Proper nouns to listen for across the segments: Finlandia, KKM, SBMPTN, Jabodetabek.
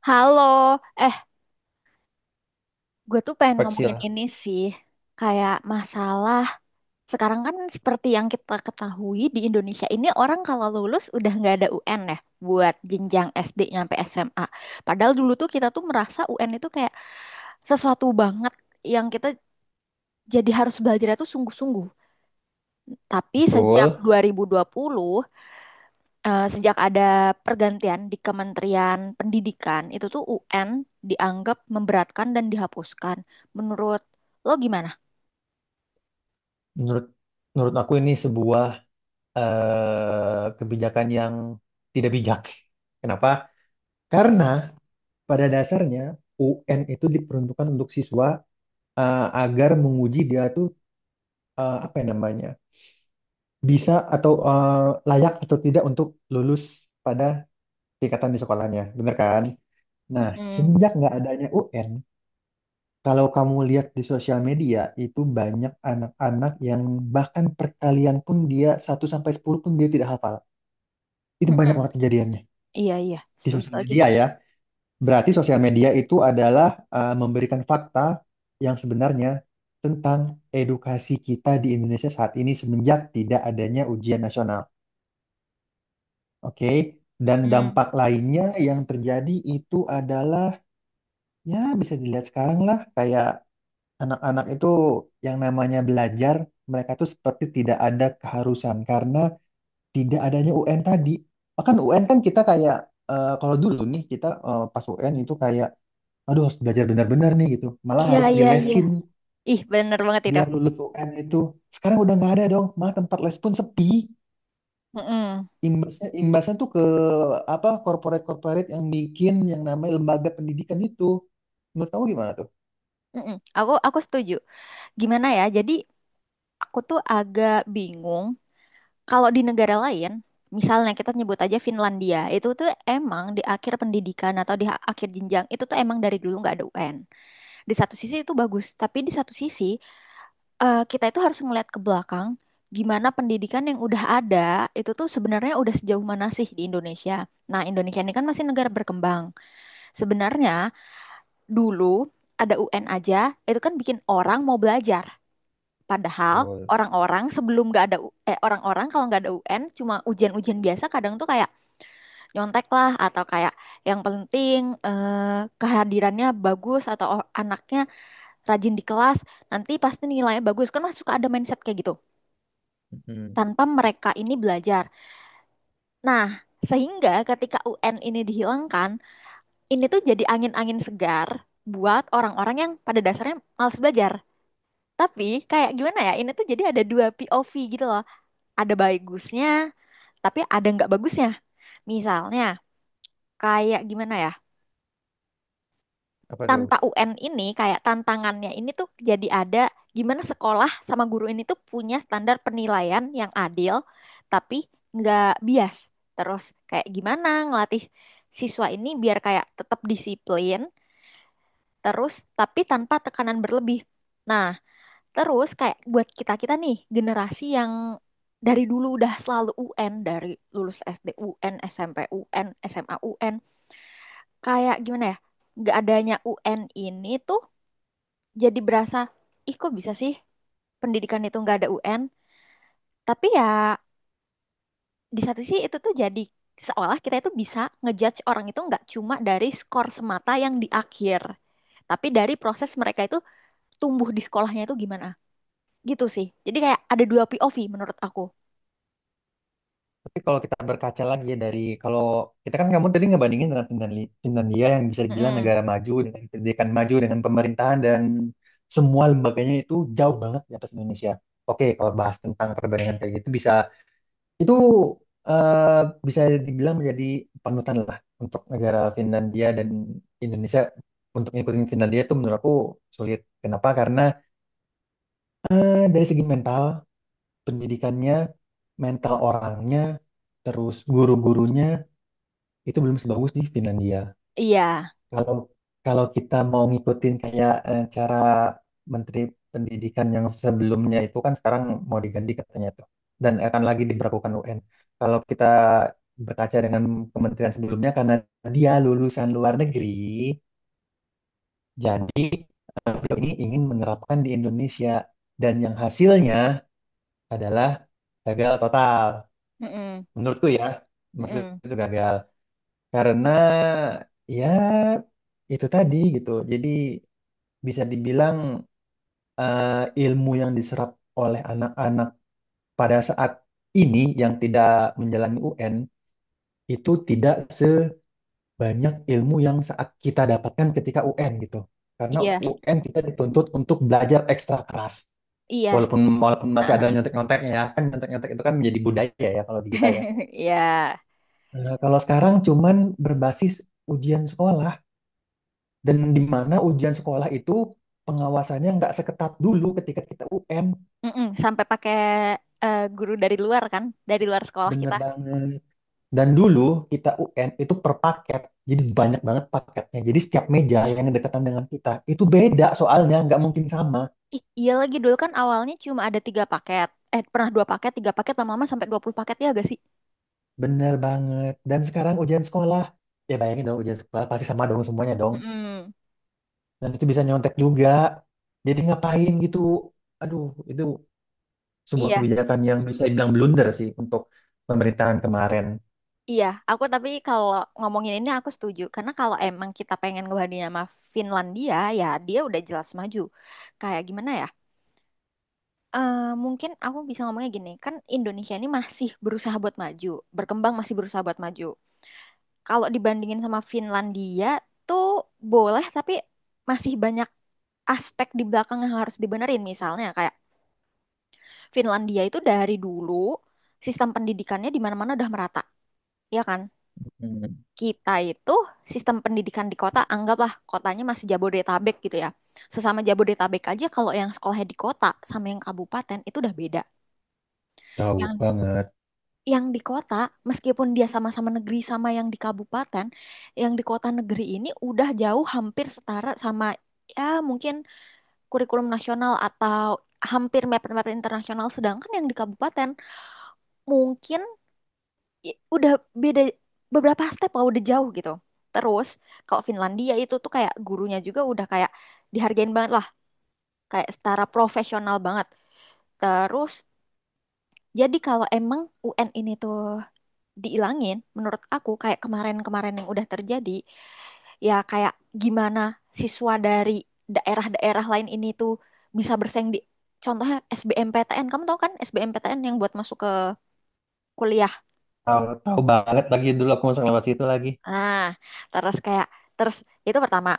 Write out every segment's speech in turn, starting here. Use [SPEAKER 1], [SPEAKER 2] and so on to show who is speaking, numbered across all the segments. [SPEAKER 1] Halo, eh, gue tuh pengen ngomongin
[SPEAKER 2] Kecil,
[SPEAKER 1] ini sih, kayak masalah sekarang kan seperti yang kita ketahui di Indonesia ini orang kalau lulus udah nggak ada UN ya buat jenjang SD nyampe SMA. Padahal dulu tuh kita tuh merasa UN itu kayak sesuatu banget yang kita jadi harus belajar itu sungguh-sungguh. Tapi sejak
[SPEAKER 2] betul.
[SPEAKER 1] 2020, sejak ada pergantian di Kementerian Pendidikan, itu tuh UN dianggap memberatkan dan dihapuskan. Menurut lo gimana?
[SPEAKER 2] Menurut menurut aku ini sebuah kebijakan yang tidak bijak. Kenapa? Karena pada dasarnya UN itu diperuntukkan untuk siswa, agar menguji dia tuh, apa ya namanya, bisa atau layak atau tidak untuk lulus pada tingkatan di sekolahnya, bener kan? Nah,
[SPEAKER 1] Mm-mm.
[SPEAKER 2] semenjak nggak adanya UN, kalau kamu lihat di sosial media, itu banyak anak-anak yang bahkan perkalian pun dia satu sampai 10 pun dia tidak hafal. Itu banyak
[SPEAKER 1] Mm-mm.
[SPEAKER 2] banget kejadiannya
[SPEAKER 1] Iya, iya,
[SPEAKER 2] di
[SPEAKER 1] setuju
[SPEAKER 2] sosial
[SPEAKER 1] lagi.
[SPEAKER 2] media ya. Berarti sosial media itu adalah, memberikan fakta yang sebenarnya tentang edukasi kita di Indonesia saat ini semenjak tidak adanya ujian nasional. Oke. Dan
[SPEAKER 1] Mm-mm.
[SPEAKER 2] dampak lainnya yang terjadi itu adalah, ya bisa dilihat sekarang lah kayak anak-anak itu yang namanya belajar, mereka tuh seperti tidak ada keharusan karena tidak adanya UN tadi. Bahkan UN kan kita kayak, kalau dulu nih kita, pas UN itu kayak aduh harus belajar benar-benar nih gitu. Malah
[SPEAKER 1] Iya,
[SPEAKER 2] harus
[SPEAKER 1] iya, iya.
[SPEAKER 2] dilesin
[SPEAKER 1] Ih, bener banget itu.
[SPEAKER 2] biar lulus UN itu. Sekarang udah nggak ada dong, malah tempat les pun sepi.
[SPEAKER 1] Mm-mm.
[SPEAKER 2] Imbasnya imbasnya tuh ke apa corporate-corporate yang bikin yang namanya lembaga pendidikan itu. Menurut kamu gimana tuh?
[SPEAKER 1] Mm-mm. Aku setuju. Gimana ya? Jadi aku tuh agak bingung kalau di negara lain, misalnya kita nyebut aja Finlandia, itu tuh emang di akhir pendidikan atau di akhir jenjang itu tuh emang dari dulu nggak ada UN. Di satu sisi itu bagus, tapi di satu sisi kita itu harus melihat ke belakang gimana pendidikan yang udah ada itu tuh sebenarnya udah sejauh mana sih di Indonesia. Nah, Indonesia ini kan masih negara berkembang. Sebenarnya dulu ada UN aja, itu kan bikin orang mau belajar. Padahal
[SPEAKER 2] Betul.
[SPEAKER 1] orang-orang sebelum nggak ada orang-orang kalau nggak ada UN cuma ujian-ujian biasa kadang tuh kayak nyontek lah atau kayak yang penting kehadirannya bagus atau anaknya rajin di kelas, nanti pasti nilainya bagus. Kan masih suka ada mindset kayak gitu.
[SPEAKER 2] Mm-mm.
[SPEAKER 1] Tanpa mereka ini belajar. Nah, sehingga ketika UN ini dihilangkan, ini tuh jadi angin-angin segar buat orang-orang yang pada dasarnya malas belajar. Tapi kayak gimana ya, ini tuh jadi ada dua POV gitu loh. Ada bagusnya, tapi ada nggak bagusnya. Misalnya, kayak gimana ya,
[SPEAKER 2] Apa tuh?
[SPEAKER 1] tanpa UN ini kayak tantangannya ini tuh jadi ada gimana sekolah sama guru ini tuh punya standar penilaian yang adil tapi nggak bias. Terus kayak gimana ngelatih siswa ini biar kayak tetap disiplin terus tapi tanpa tekanan berlebih. Nah, terus kayak buat kita-kita nih generasi yang dari dulu udah selalu UN dari lulus SD UN, SMP UN, SMA UN, kayak gimana ya? Nggak adanya UN ini tuh jadi berasa ih kok bisa sih pendidikan itu nggak ada UN, tapi ya di satu sisi itu tuh jadi seolah kita itu bisa ngejudge orang itu nggak cuma dari skor semata yang di akhir, tapi dari proses mereka itu tumbuh di sekolahnya itu gimana, gitu sih jadi kayak ada dua POV menurut aku.
[SPEAKER 2] Tapi kalau kita berkaca lagi ya, dari kalau kita kan kamu tadi ngebandingin dengan Finlandia, Finlandia yang bisa dibilang
[SPEAKER 1] Mm-mm.
[SPEAKER 2] negara maju dengan pendidikan maju dengan pemerintahan dan semua lembaganya itu jauh banget di atas Indonesia. Oke, kalau bahas tentang perbandingan kayak gitu bisa itu, eh, bisa dibilang menjadi panutan lah untuk negara Finlandia, dan Indonesia untuk ngikutin Finlandia itu menurut aku sulit. Kenapa? Karena, dari segi mental, pendidikannya, mental orangnya, terus guru-gurunya itu belum sebagus di Finlandia.
[SPEAKER 1] Iya.
[SPEAKER 2] Kalau kalau kita mau ngikutin kayak, cara Menteri Pendidikan yang sebelumnya itu kan sekarang mau diganti katanya tuh, dan akan lagi diberlakukan UN. Kalau kita berkaca dengan kementerian sebelumnya, karena dia lulusan luar negeri, jadi beliau ini ingin menerapkan di Indonesia dan yang hasilnya adalah gagal total.
[SPEAKER 1] Mm-mm.
[SPEAKER 2] Menurutku ya, menurutku
[SPEAKER 1] Mm-mm.
[SPEAKER 2] itu gagal. Karena ya itu tadi gitu. Jadi bisa dibilang, eh, ilmu yang diserap oleh anak-anak pada saat ini yang tidak menjalani UN itu tidak sebanyak ilmu yang saat kita dapatkan ketika UN gitu. Karena
[SPEAKER 1] Iya,
[SPEAKER 2] UN kita dituntut untuk belajar ekstra keras.
[SPEAKER 1] iya.
[SPEAKER 2] Walaupun walaupun masih ada nyontek-nyonteknya ya, kan nyontek-nyontek itu kan menjadi budaya ya kalau di kita ya.
[SPEAKER 1] Iya.
[SPEAKER 2] Kalau sekarang cuman berbasis ujian sekolah. Dan di mana ujian sekolah itu pengawasannya nggak seketat dulu ketika kita UN,
[SPEAKER 1] Mm-mm. Sampai pakai guru dari luar kan, dari luar sekolah
[SPEAKER 2] bener
[SPEAKER 1] kita.
[SPEAKER 2] banget. Dan dulu kita UN itu per paket, jadi banyak banget paketnya. Jadi setiap meja yang dekatan dengan kita itu beda soalnya, nggak mungkin sama.
[SPEAKER 1] Ih, iya lagi dulu kan awalnya cuma ada tiga paket. Eh, pernah dua paket, tiga paket, lama-lama sampai 20 paket ya gak sih?
[SPEAKER 2] Bener banget. Dan sekarang ujian sekolah, ya bayangin dong, ujian sekolah pasti sama dong semuanya dong.
[SPEAKER 1] Mm-mm.
[SPEAKER 2] Dan itu bisa nyontek juga. Jadi ngapain gitu? Aduh, itu sebuah
[SPEAKER 1] Iya,
[SPEAKER 2] kebijakan yang bisa dibilang blunder sih untuk pemerintahan kemarin.
[SPEAKER 1] iya. Aku tapi kalau ngomongin ini aku setuju. Karena kalau emang kita pengen ngebandingin sama Finlandia, ya dia udah jelas maju. Kayak gimana ya? Eh, mungkin aku bisa ngomongnya gini, kan Indonesia ini masih berusaha buat maju, berkembang masih berusaha buat maju. Kalau dibandingin sama Finlandia tuh boleh, tapi masih banyak aspek di belakang yang harus dibenerin. Misalnya kayak Finlandia itu dari dulu sistem pendidikannya di mana-mana udah merata, ya kan?
[SPEAKER 2] Hmm,
[SPEAKER 1] Kita itu sistem pendidikan di kota, anggaplah kotanya masih Jabodetabek gitu ya. Sesama Jabodetabek aja kalau yang sekolahnya di kota sama yang kabupaten itu udah beda.
[SPEAKER 2] jauh
[SPEAKER 1] Yang
[SPEAKER 2] banget.
[SPEAKER 1] yang di kota meskipun dia sama-sama negeri sama yang di kabupaten, yang di kota negeri ini udah jauh hampir setara sama, ya, mungkin kurikulum nasional atau hampir mepet-mepet internasional, sedangkan yang di kabupaten mungkin udah beda beberapa step lah, udah jauh gitu. Terus kalau Finlandia itu tuh kayak gurunya juga udah kayak dihargain banget lah, kayak setara profesional banget. Terus jadi kalau emang UN ini tuh diilangin, menurut aku kayak kemarin-kemarin yang udah terjadi, ya kayak gimana siswa dari daerah-daerah lain ini tuh bisa bersaing di contohnya SBMPTN. Kamu tahu kan SBMPTN yang buat masuk ke kuliah.
[SPEAKER 2] Tahu, tahu banget lagi, dulu aku masuk lewat situ lagi.
[SPEAKER 1] Nah, terus kayak terus itu pertama.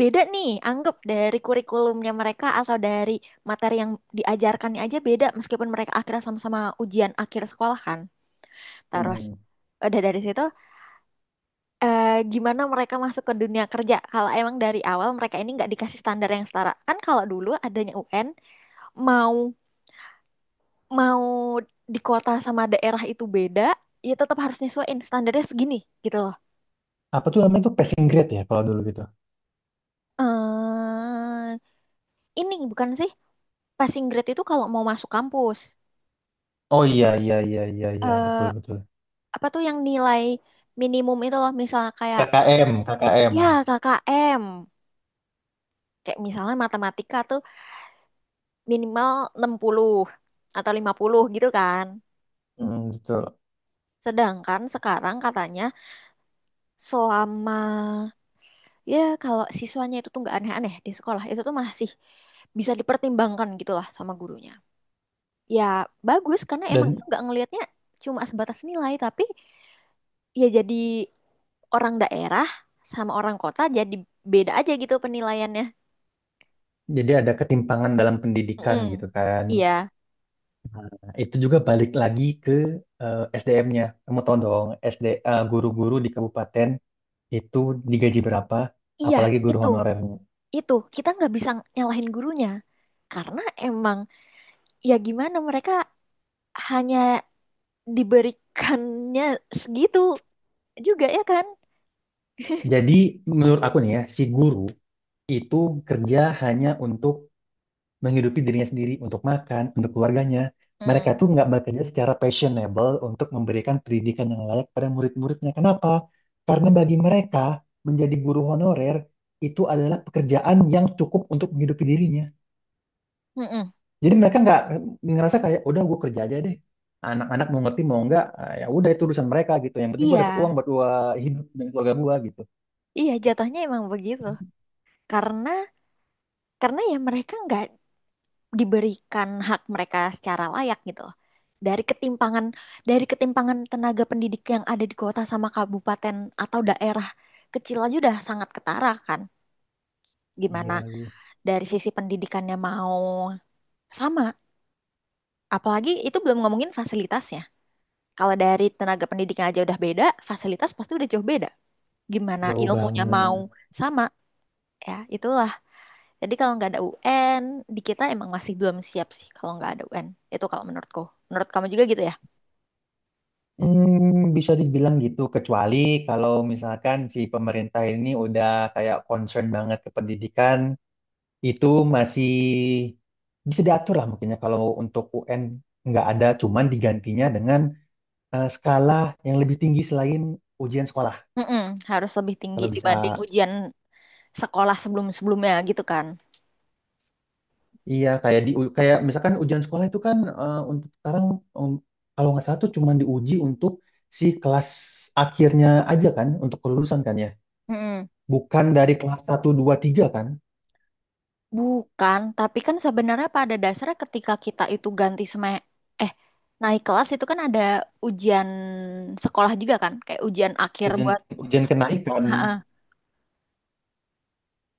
[SPEAKER 1] Beda nih, anggap dari kurikulumnya mereka atau dari materi yang diajarkannya aja beda meskipun mereka akhirnya sama-sama ujian akhir sekolah kan. Terus
[SPEAKER 2] Mm.
[SPEAKER 1] udah dari situ, eh, gimana mereka masuk ke dunia kerja kalau emang dari awal mereka ini nggak dikasih standar yang setara. Kan kalau dulu adanya UN, mau mau di kota sama daerah itu beda, ya tetap harus nyesuaiin standarnya segini gitu loh.
[SPEAKER 2] Apa tuh namanya tuh, passing grade ya kalau dulu gitu.
[SPEAKER 1] Eh, ini bukan sih, passing grade itu kalau mau masuk kampus.
[SPEAKER 2] Oh iya, iya, iya, iya, iya, betul,
[SPEAKER 1] Eh,
[SPEAKER 2] betul.
[SPEAKER 1] apa tuh yang nilai minimum itu loh, misalnya kayak,
[SPEAKER 2] KKM, KKM.
[SPEAKER 1] ya, KKM, kayak misalnya matematika tuh minimal 60 atau 50 gitu kan,
[SPEAKER 2] Mm, betul.
[SPEAKER 1] sedangkan sekarang katanya selama, ya, kalau siswanya itu tuh nggak aneh-aneh di sekolah itu tuh masih bisa dipertimbangkan gitu lah sama gurunya, ya bagus karena emang
[SPEAKER 2] Dan
[SPEAKER 1] itu nggak ngelihatnya cuma sebatas nilai, tapi ya jadi orang daerah sama orang kota jadi beda aja gitu penilaiannya.
[SPEAKER 2] jadi ada ketimpangan dalam pendidikan gitu
[SPEAKER 1] Mm-mm.
[SPEAKER 2] kan.
[SPEAKER 1] Iya.
[SPEAKER 2] Nah, itu juga balik lagi ke SDM-nya. Kamu tahu dong, SD, guru-guru di kabupaten itu digaji berapa,
[SPEAKER 1] Iya,
[SPEAKER 2] apalagi guru
[SPEAKER 1] itu,
[SPEAKER 2] honorernya.
[SPEAKER 1] itu kita nggak bisa nyalahin gurunya karena emang ya gimana mereka hanya diberikannya segitu juga ya kan?
[SPEAKER 2] Jadi menurut aku nih ya, si guru itu kerja hanya untuk menghidupi dirinya sendiri, untuk makan, untuk keluarganya. Mereka
[SPEAKER 1] Mm.
[SPEAKER 2] tuh nggak bekerja secara passionable untuk memberikan pendidikan yang layak pada murid-muridnya. Kenapa? Karena bagi mereka, menjadi guru honorer itu adalah pekerjaan yang cukup untuk menghidupi dirinya.
[SPEAKER 1] Mm-mm.
[SPEAKER 2] Jadi mereka nggak ngerasa kayak, udah gue kerja aja deh. Anak-anak mau ngerti mau nggak, ah, ya udah itu urusan mereka gitu. Yang penting gue dapet
[SPEAKER 1] Iya,
[SPEAKER 2] uang buat gue hidup dan keluarga gue gitu.
[SPEAKER 1] iya jatuhnya emang begitu karena karena ya mereka nggak diberikan hak mereka secara layak gitu, dari ketimpangan dari ketimpangan tenaga pendidik yang ada di kota sama kabupaten atau daerah kecil aja udah sangat ketara kan? Gimana
[SPEAKER 2] Iya, lagi
[SPEAKER 1] dari sisi pendidikannya mau sama. Apalagi itu belum ngomongin fasilitasnya. Kalau dari tenaga pendidikan aja udah beda, fasilitas pasti udah jauh beda. Gimana
[SPEAKER 2] jauh
[SPEAKER 1] ilmunya mau
[SPEAKER 2] banget.
[SPEAKER 1] sama, ya itulah. Jadi kalau nggak ada UN, di kita emang masih belum siap sih kalau nggak ada UN. Itu kalau menurutku. Menurut kamu juga gitu ya?
[SPEAKER 2] Hmm, bisa dibilang gitu, kecuali kalau misalkan si pemerintah ini udah kayak concern banget ke pendidikan, itu masih bisa diatur lah mungkinnya, kalau untuk UN nggak ada, cuman digantinya dengan, skala yang lebih tinggi selain ujian sekolah.
[SPEAKER 1] Mm-mm, harus lebih tinggi
[SPEAKER 2] Kalau bisa,
[SPEAKER 1] dibanding ujian sekolah sebelum-sebelumnya gitu kan.
[SPEAKER 2] iya kayak di, kayak misalkan ujian sekolah itu kan, untuk sekarang, em, kalau nggak salah tuh cuman diuji untuk si kelas akhirnya aja kan, untuk kelulusan kan ya,
[SPEAKER 1] Mm-mm.
[SPEAKER 2] bukan dari kelas satu 2 3 kan.
[SPEAKER 1] Bukan, tapi kan sebenarnya pada dasarnya ketika kita itu ganti seme eh naik kelas itu kan ada ujian sekolah juga kan, kayak ujian akhir
[SPEAKER 2] Ujian
[SPEAKER 1] buat
[SPEAKER 2] ujian kenaikan.
[SPEAKER 1] ha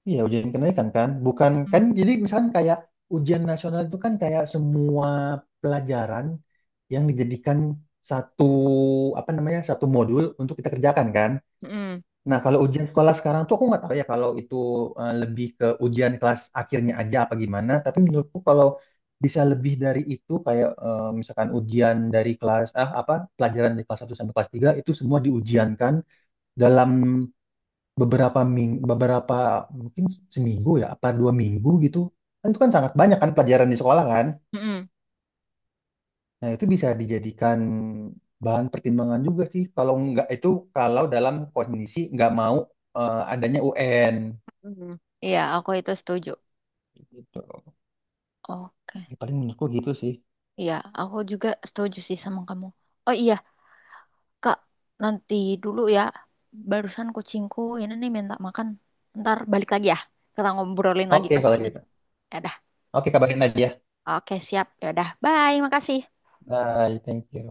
[SPEAKER 2] Iya, ujian kenaikan kan. Bukan, kan jadi misalkan kayak ujian nasional itu kan kayak semua pelajaran yang dijadikan satu, apa namanya? Satu modul untuk kita kerjakan kan. Nah, kalau ujian sekolah sekarang tuh aku nggak tahu ya, kalau itu lebih ke ujian kelas akhirnya aja apa gimana, tapi menurutku kalau bisa lebih dari itu, kayak misalkan ujian dari kelas, ah apa pelajaran dari kelas satu sampai kelas 3 itu semua diujiankan dalam beberapa, mungkin seminggu ya apa 2 minggu gitu kan, itu kan sangat banyak kan pelajaran di sekolah kan,
[SPEAKER 1] Hmm.
[SPEAKER 2] nah itu bisa dijadikan bahan pertimbangan juga sih, kalau nggak itu, kalau dalam kondisi nggak mau, adanya UN
[SPEAKER 1] Iya, aku itu setuju.
[SPEAKER 2] gitu.
[SPEAKER 1] Oke.
[SPEAKER 2] Ya, paling menurutku gitu sih.
[SPEAKER 1] Iya, aku juga setuju sih sama kamu. Oh iya, Kak, nanti dulu ya. Barusan kucingku ini nih minta makan. Ntar balik lagi ya. Kita ngobrolin lagi
[SPEAKER 2] Oke kalau
[SPEAKER 1] masalah ini.
[SPEAKER 2] gitu.
[SPEAKER 1] Ya udah.
[SPEAKER 2] Oke, kabarin aja.
[SPEAKER 1] Oke, siap. Ya udah. Bye, makasih.
[SPEAKER 2] Bye, thank you.